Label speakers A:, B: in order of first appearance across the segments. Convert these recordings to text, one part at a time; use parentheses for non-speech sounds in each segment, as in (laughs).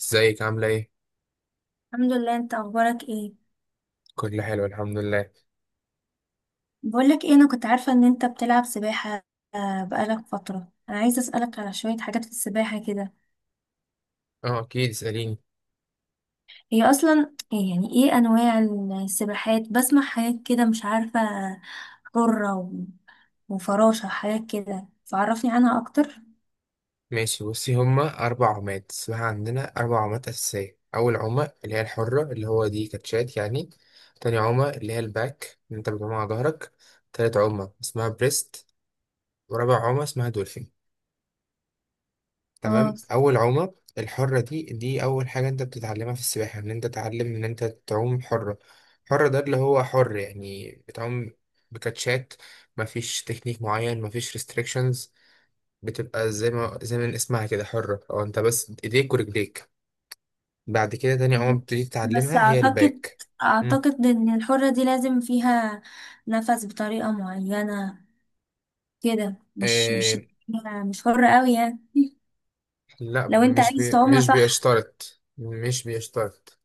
A: ازيك عاملة ايه؟
B: الحمد لله. انت اخبارك ايه؟
A: كل حلو، الحمد لله.
B: بقولك ايه، انا كنت عارفة ان انت بتلعب سباحة. بقالك فترة، انا عايزة اسألك على شوية حاجات في السباحة كده.
A: اه، اكيد اسأليني.
B: هي اصلا ايه، يعني ايه انواع السباحات؟ بسمع حاجات كده مش عارفة، حرة وفراشة حاجات كده، فعرفني عنها اكتر.
A: ماشي، بصي. هما 4 عمات اسمها، عندنا 4 عمات أساسية. أول عمة اللي هي الحرة، اللي هو دي كاتشات يعني. تاني عمة اللي هي الباك، اللي انت بتعوم على ظهرك. تالت عمة اسمها بريست. ورابع عمة اسمها دولفين.
B: اه.
A: تمام. أول عمة الحرة دي أول حاجة انت بتتعلمها في السباحة، ان انت تتعلم ان انت تعوم حرة. حرة ده اللي هو حر يعني، بتعوم بكاتشات. مفيش تكنيك معين، مفيش restrictions. بتبقى زي ما اسمها كده، حرة. او انت بس ايديك ورجليك. بعد كده تاني عمر بتبتدي
B: بس
A: تتعلمها هي
B: اعتقد،
A: الباك. مم.
B: ان الحرة دي لازم فيها نفس بطريقة معينة كده، مش مش
A: إيه.
B: مش حرة قوي يعني،
A: لا
B: لو انت
A: مش
B: عايز
A: بي
B: تعومها
A: مش
B: صح.
A: بيشترط مش بيشترط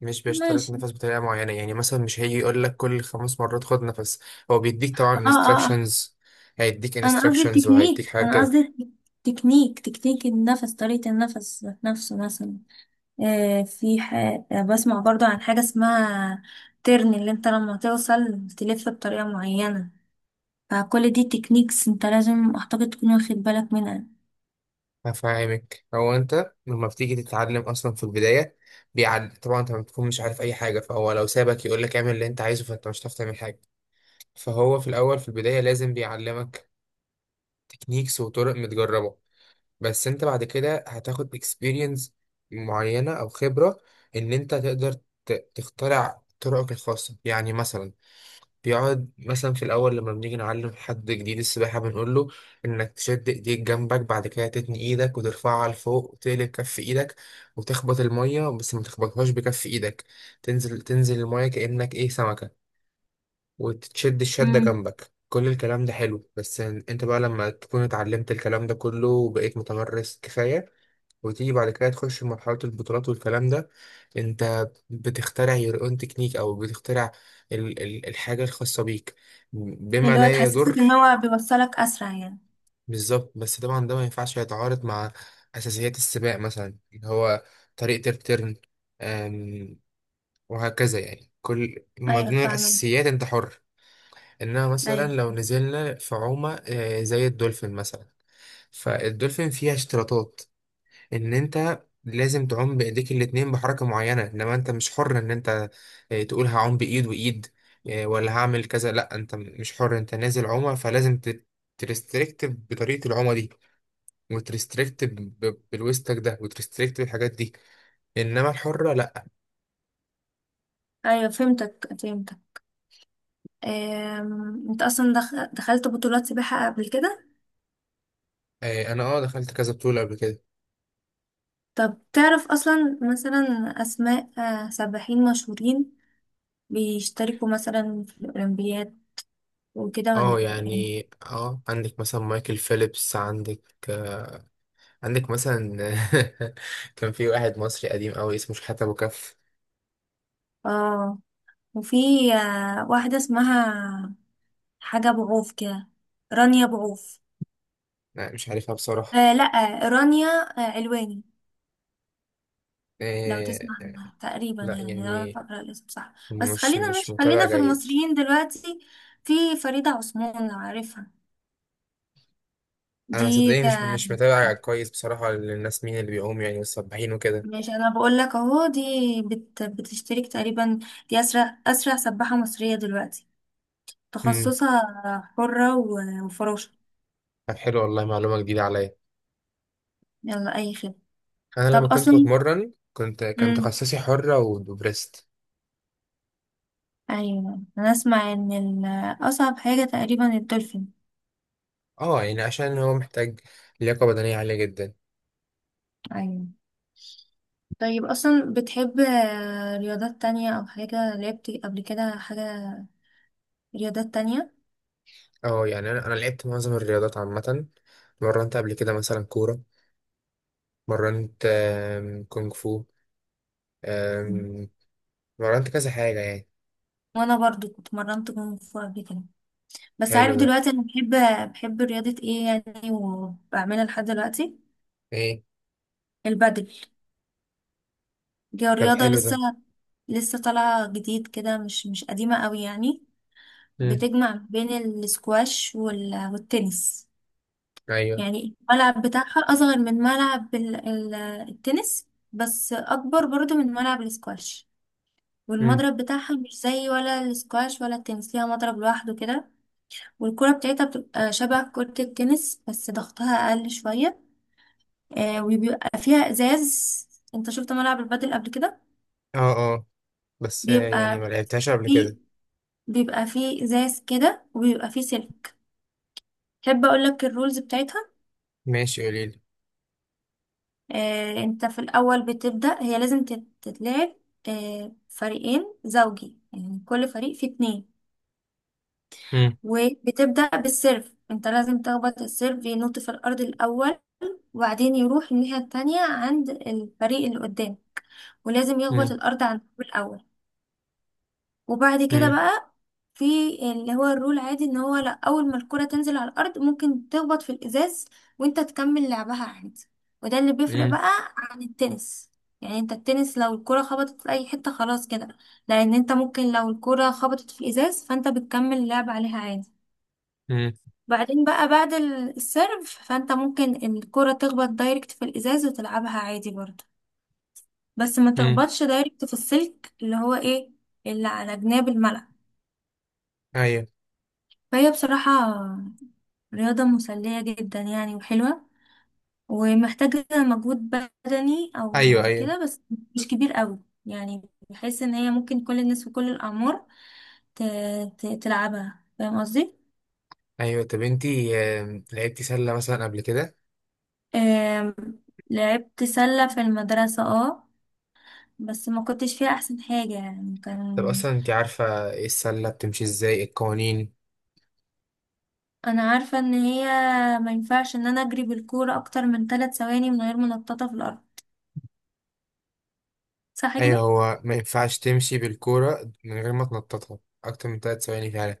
A: مش بيشترط
B: ماشي.
A: نفس بطريقة معينة، يعني مثلا مش هيجي يقول لك كل 5 مرات خد نفس. هو بيديك طبعا
B: اه، اه، اه.
A: instructions، هيديك
B: انا قصدي
A: instructions
B: التكنيك،
A: وهيديك حاجة
B: انا
A: كده.
B: قصدي تكنيك النفس، طريقة النفس نفسه مثلا. آه في ح... بسمع برضو عن حاجة اسمها ترن، اللي انت لما توصل تلف بطريقة معينة. فكل دي تكنيكس، انت لازم اعتقد تكون واخد بالك منها.
A: هفهمك، هو انت لما بتيجي تتعلم اصلا في البداية، بيعد طبعا انت ما بتكون مش عارف اي حاجة، فهو لو سابك يقول لك اعمل اللي انت عايزه فانت مش هتعرف تعمل حاجة. فهو في الأول في البداية لازم بيعلمك تكنيكس وطرق متجربة. بس انت بعد كده هتاخد experience معينة أو خبرة، إن انت تقدر تخترع طرقك الخاصة. يعني مثلا بيقعد مثلا في الأول لما بنيجي نعلم حد جديد السباحة بنقول له إنك تشد إيديك جنبك، بعد كده تتني إيدك وترفعها لفوق وتقلب كف إيدك وتخبط المية، بس ما تخبطهاش بكف إيدك، تنزل تنزل المية كأنك إيه سمكة، وتشد الشدة
B: مم.
A: جنبك. كل الكلام ده حلو، بس انت بقى لما تكون اتعلمت الكلام ده كله وبقيت متمرس كفاية وتيجي بعد كده تخش في مرحلة البطولات والكلام ده، انت بتخترع your own تكنيك، او بتخترع ال ال الحاجة الخاصة بيك، بما
B: اللي هو
A: لا
B: تحسسك
A: يضر.
B: ان هو بيوصلك اسرع يعني.
A: بالظبط، بس طبعا ده ما ينفعش يتعارض مع أساسيات السباق، مثلا اللي هو طريقة الترن، أم، وهكذا. يعني كل من
B: ايوه،
A: ضمن
B: فاهمين.
A: الأساسيات انت حر. انها مثلا
B: ايوه،
A: لو نزلنا في عومة، زي الدولفين مثلا، فالدولفين فيها اشتراطات ان انت لازم تعوم بايديك الاتنين بحركة معينة. انما انت مش حر ان انت تقول هعوم بايد وايد، ولا هعمل كذا. لا انت مش حر، انت نازل عومة، فلازم ترستريكت بطريقة العومة دي، وترستريكت بالويستك ده، وترستريكت بالحاجات دي. انما الحرة لا.
B: ايوه، فهمتك، فهمتك. انت اصلا دخلت بطولات سباحة قبل كده؟
A: انا اه دخلت كذا بطولة قبل كده.
B: طب تعرف أصلا مثلا أسماء سباحين مشهورين بيشتركوا مثلا في الأولمبياد وكده ولا
A: اه
B: إيه؟
A: يعني، اه عندك مثلا مايكل فيليبس، عندك مثلا (laughs) كان في واحد مصري قديم قوي اسمه شحاتة أبو كف.
B: آه. وفي واحدة اسمها حاجة بعوف كده، رانيا بعوف.
A: لا مش عارفها بصراحة.
B: آه، لأ. رانيا علواني، لو تسمع
A: إيه.
B: عنها تقريبا،
A: لا
B: يعني لو أنا
A: يعني،
B: فاكرة الاسم صح. بس
A: مش
B: خلينا
A: مش
B: مش
A: متابع
B: خلينا في
A: جيد.
B: المصريين دلوقتي. في فريدة عثمان، لو عارفها،
A: أنا
B: دي
A: صدقني مش
B: آه،
A: مش متابع كويس بصراحة للناس مين اللي بيقوم يعني والسباحين وكده.
B: ماشي، انا بقول لك اهو، دي بتشترك تقريبا، دي اسرع سباحة مصرية دلوقتي،
A: امم
B: تخصصها حرة وفراشة.
A: طب حلو، والله معلومة جديدة عليا.
B: يلا، اي خدمة.
A: أنا
B: طب
A: لما كنت
B: اصلا،
A: بتمرن كنت كان
B: امم
A: تخصصي حرة وبريست.
B: ايوه، انا اسمع ان اصعب حاجة تقريبا الدولفين.
A: اه يعني عشان هو محتاج لياقة بدنية عالية جدا.
B: ايوه. طيب اصلا بتحب رياضات تانية او حاجة لعبت قبل كده، حاجة رياضات تانية؟
A: اه يعني أنا لعبت معظم الرياضات عامة. مرنت قبل كده مثلا كورة، مرنت كونغ فو،
B: مم.
A: آم، مرنت كذا حاجة يعني.
B: وانا برضو اتمرنت كونغ فو قبل كده. بس
A: حلو
B: عارف
A: ده.
B: دلوقتي انا بحب رياضة ايه يعني وبعملها لحد دلوقتي؟
A: ايه؟
B: البادل. دي
A: طب
B: رياضة
A: حلو
B: لسه
A: ده.
B: لسه طالعة جديد كده، مش قديمة قوي يعني،
A: مم.
B: بتجمع بين السكواش والتنس.
A: ايوه.
B: يعني الملعب بتاعها أصغر من ملعب التنس، بس أكبر برضو من ملعب السكواش.
A: مم.
B: والمضرب بتاعها مش زي ولا السكواش ولا التنس، ليها مضرب لوحده كده. والكرة بتاعتها بتبقى شبه كرة التنس، بس ضغطها أقل شوية. وبيبقى فيها ازاز. انت شفت ملعب البادل قبل كده؟
A: اه اه، بس يعني
B: بيبقى
A: ما لعبتهاش قبل
B: فيه
A: كده.
B: بيبقى فيه ازاز كده، وبيبقى فيه سلك. تحب اقول لك الرولز بتاعتها؟
A: ماشي قوليلي.
B: انت في الاول بتبدأ، هي لازم تتلعب فريقين زوجي، يعني كل فريق فيه اتنين.
A: مم.
B: وبتبدأ بالسيرف، انت لازم تخبط السيرف ينط في الارض الاول، وبعدين يروح الناحية التانية عند الفريق اللي قدام، ولازم يخبط
A: مم.
B: الارض عند الأول. وبعد كده
A: مم.
B: بقى في اللي هو الرول عادي، ان هو لا، اول ما الكرة تنزل على الارض ممكن تخبط في الازاز وانت تكمل لعبها عادي. وده اللي بيفرق
A: مم.
B: بقى عن التنس. يعني انت التنس لو الكرة خبطت في اي حتة خلاص كده، لان انت ممكن لو الكرة خبطت في الازاز فانت بتكمل اللعب عليها عادي.
A: مم.
B: بعدين بقى بعد السيرف، فانت ممكن الكرة تخبط دايركت في الازاز وتلعبها عادي برضه، بس ما
A: مم.
B: تخبطش دايركت في السلك، اللي هو ايه؟ اللي على جناب الملعب.
A: ايوه.
B: فهي بصراحة رياضة مسلية جدا يعني وحلوة، ومحتاجة مجهود بدني
A: ايوه.
B: أو
A: ايوه.
B: كده، بس مش كبير قوي يعني، بحيث إن هي ممكن كل الناس في كل الأعمار ت- تلعبها، فاهم قصدي؟
A: ايوه طب انتي، لعبتي سلة مثلا قبل كده؟
B: آم، لعبت سلة في المدرسة اه، بس ما كنتش فيها أحسن حاجة يعني،
A: طب
B: كان.
A: اصلا انتي عارفة ايه السلة بتمشي ازاي، القوانين؟
B: أنا عارفة إن هي ما ينفعش إن أنا أجري بالكورة أكتر من 3 ثواني من غير منططة في الأرض، صح كده؟
A: ايوه، هو ما ينفعش تمشي بالكورة من غير ما تنططها اكتر من 3 ثواني فعلا.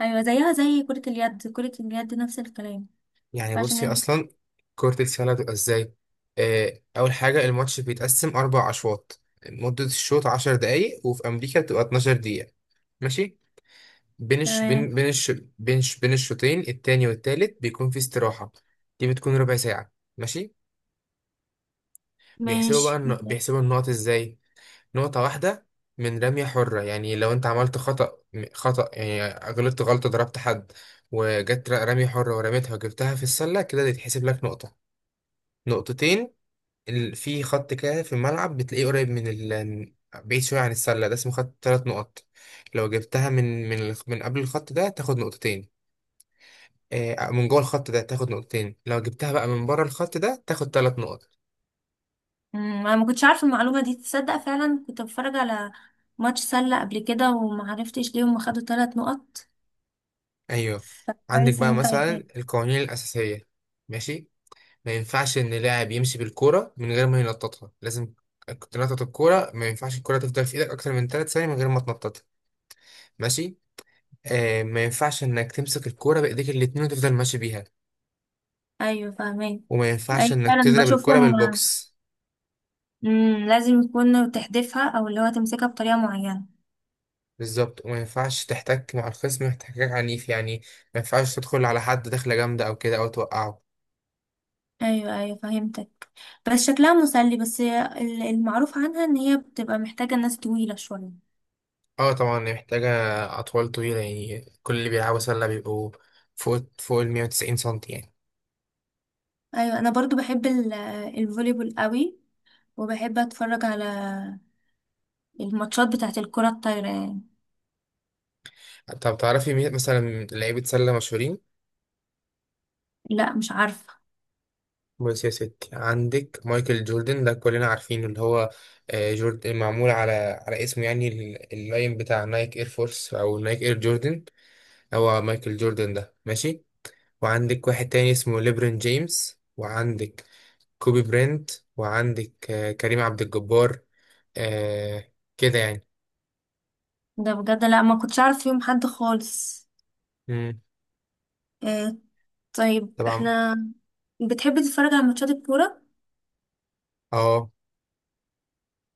B: أيوة، زيها زي كرة اليد، كرة اليد نفس الكلام،
A: يعني بصي
B: عشان.
A: اصلا كرة السلة بتبقى ازاي. اول حاجة الماتش بيتقسم 4 اشواط. مدة الشوط 10 دقايق، وفي امريكا بتبقى 12 دقيقة. ماشي. بين الش...
B: انت.
A: بين بين الش... بين الشوطين التاني والتالت بيكون في استراحة، دي بتكون ربع ساعة. ماشي. بيحسبوا بقى
B: ماشي.
A: بيحسبوا النقط ازاي. نقطة واحدة من رمية حرة، يعني لو انت عملت خطأ، خطأ يعني غلطت غلطة ضربت حد وجت رمية حرة ورميتها وجبتها في السلة كده، يتحسب لك نقطة. نقطتين، في خط كده في الملعب بتلاقيه قريب من ال بعيد شوية عن السلة، ده اسمه خط 3 نقط. لو جبتها من من قبل الخط ده تاخد نقطتين. من جوه الخط ده تاخد نقطتين، لو جبتها بقى من بره الخط ده تاخد 3 نقط.
B: انا ما كنتش عارفه المعلومه دي، تصدق فعلا كنت بتفرج على ماتش سله قبل كده وما عرفتش ليه هم خدوا 3 نقط،
A: أيوه. عندك
B: فكويس ان
A: بقى
B: انت
A: مثلا
B: قلتها.
A: القوانين الأساسية. ماشي. ما ينفعش إن لاعب يمشي بالكورة من غير ما ينططها، لازم تنطط الكورة. ما ينفعش الكورة تفضل في إيدك أكتر من 3 ثواني من غير ما تنططها. ماشي. آه، ما ينفعش إنك تمسك الكورة بإيديك الاتنين وتفضل ماشي بيها.
B: ايوه، فاهمين.
A: وما ينفعش
B: ايوه،
A: انك
B: فعلا
A: تضرب الكرة
B: بشوفهم.
A: بالبوكس.
B: لازم يكون تحدفها، او اللي هو تمسكها بطريقه معينه.
A: بالظبط. وما ينفعش تحتك مع الخصم احتكاك عنيف، يعني ما ينفعش تدخل على حد دخلة جامدة او كده او توقعه.
B: ايوه، ايوه، فهمتك. بس شكلها مسلي، بس المعروف عنها ان هي بتبقى محتاجه ناس طويله شويه.
A: اه طبعا هي محتاجة اطوال طويلة، يعني كل اللي بيلعبوا سلة بيبقوا فوق ال 190 سنتي يعني.
B: ايوه، انا برضو بحب الفوليبول قوي، وبحب اتفرج على الماتشات بتاعت الكره الطايره يعني.
A: طب تعرفي مين مثلا لعيبة سلة مشهورين؟
B: لا، مش عارفة.
A: بص يا ستي، عندك مايكل جوردن ده كلنا عارفينه، اللي هو جوردن معمول على على اسمه، يعني اللاين بتاع نايك اير فورس او نايك اير جوردن، هو مايكل جوردن ده. ماشي. وعندك واحد تاني اسمه ليبرون جيمس، وعندك كوبي برينت، وعندك كريم عبد الجبار. آه كده يعني.
B: ده بجد لا، ما كنتش عارف فيهم حد خالص.
A: مم.
B: آه. طيب
A: طبعا.
B: احنا بتحبي تتفرج على ماتشات الكورة؟
A: اه.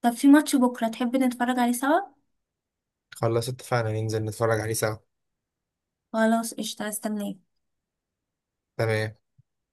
B: طب في ماتش بكرة تحبي نتفرج عليه سوا؟
A: خلاص اتفقنا ننزل نتفرج عليه سوا.
B: خلاص، قشطة، هستناك.
A: تمام.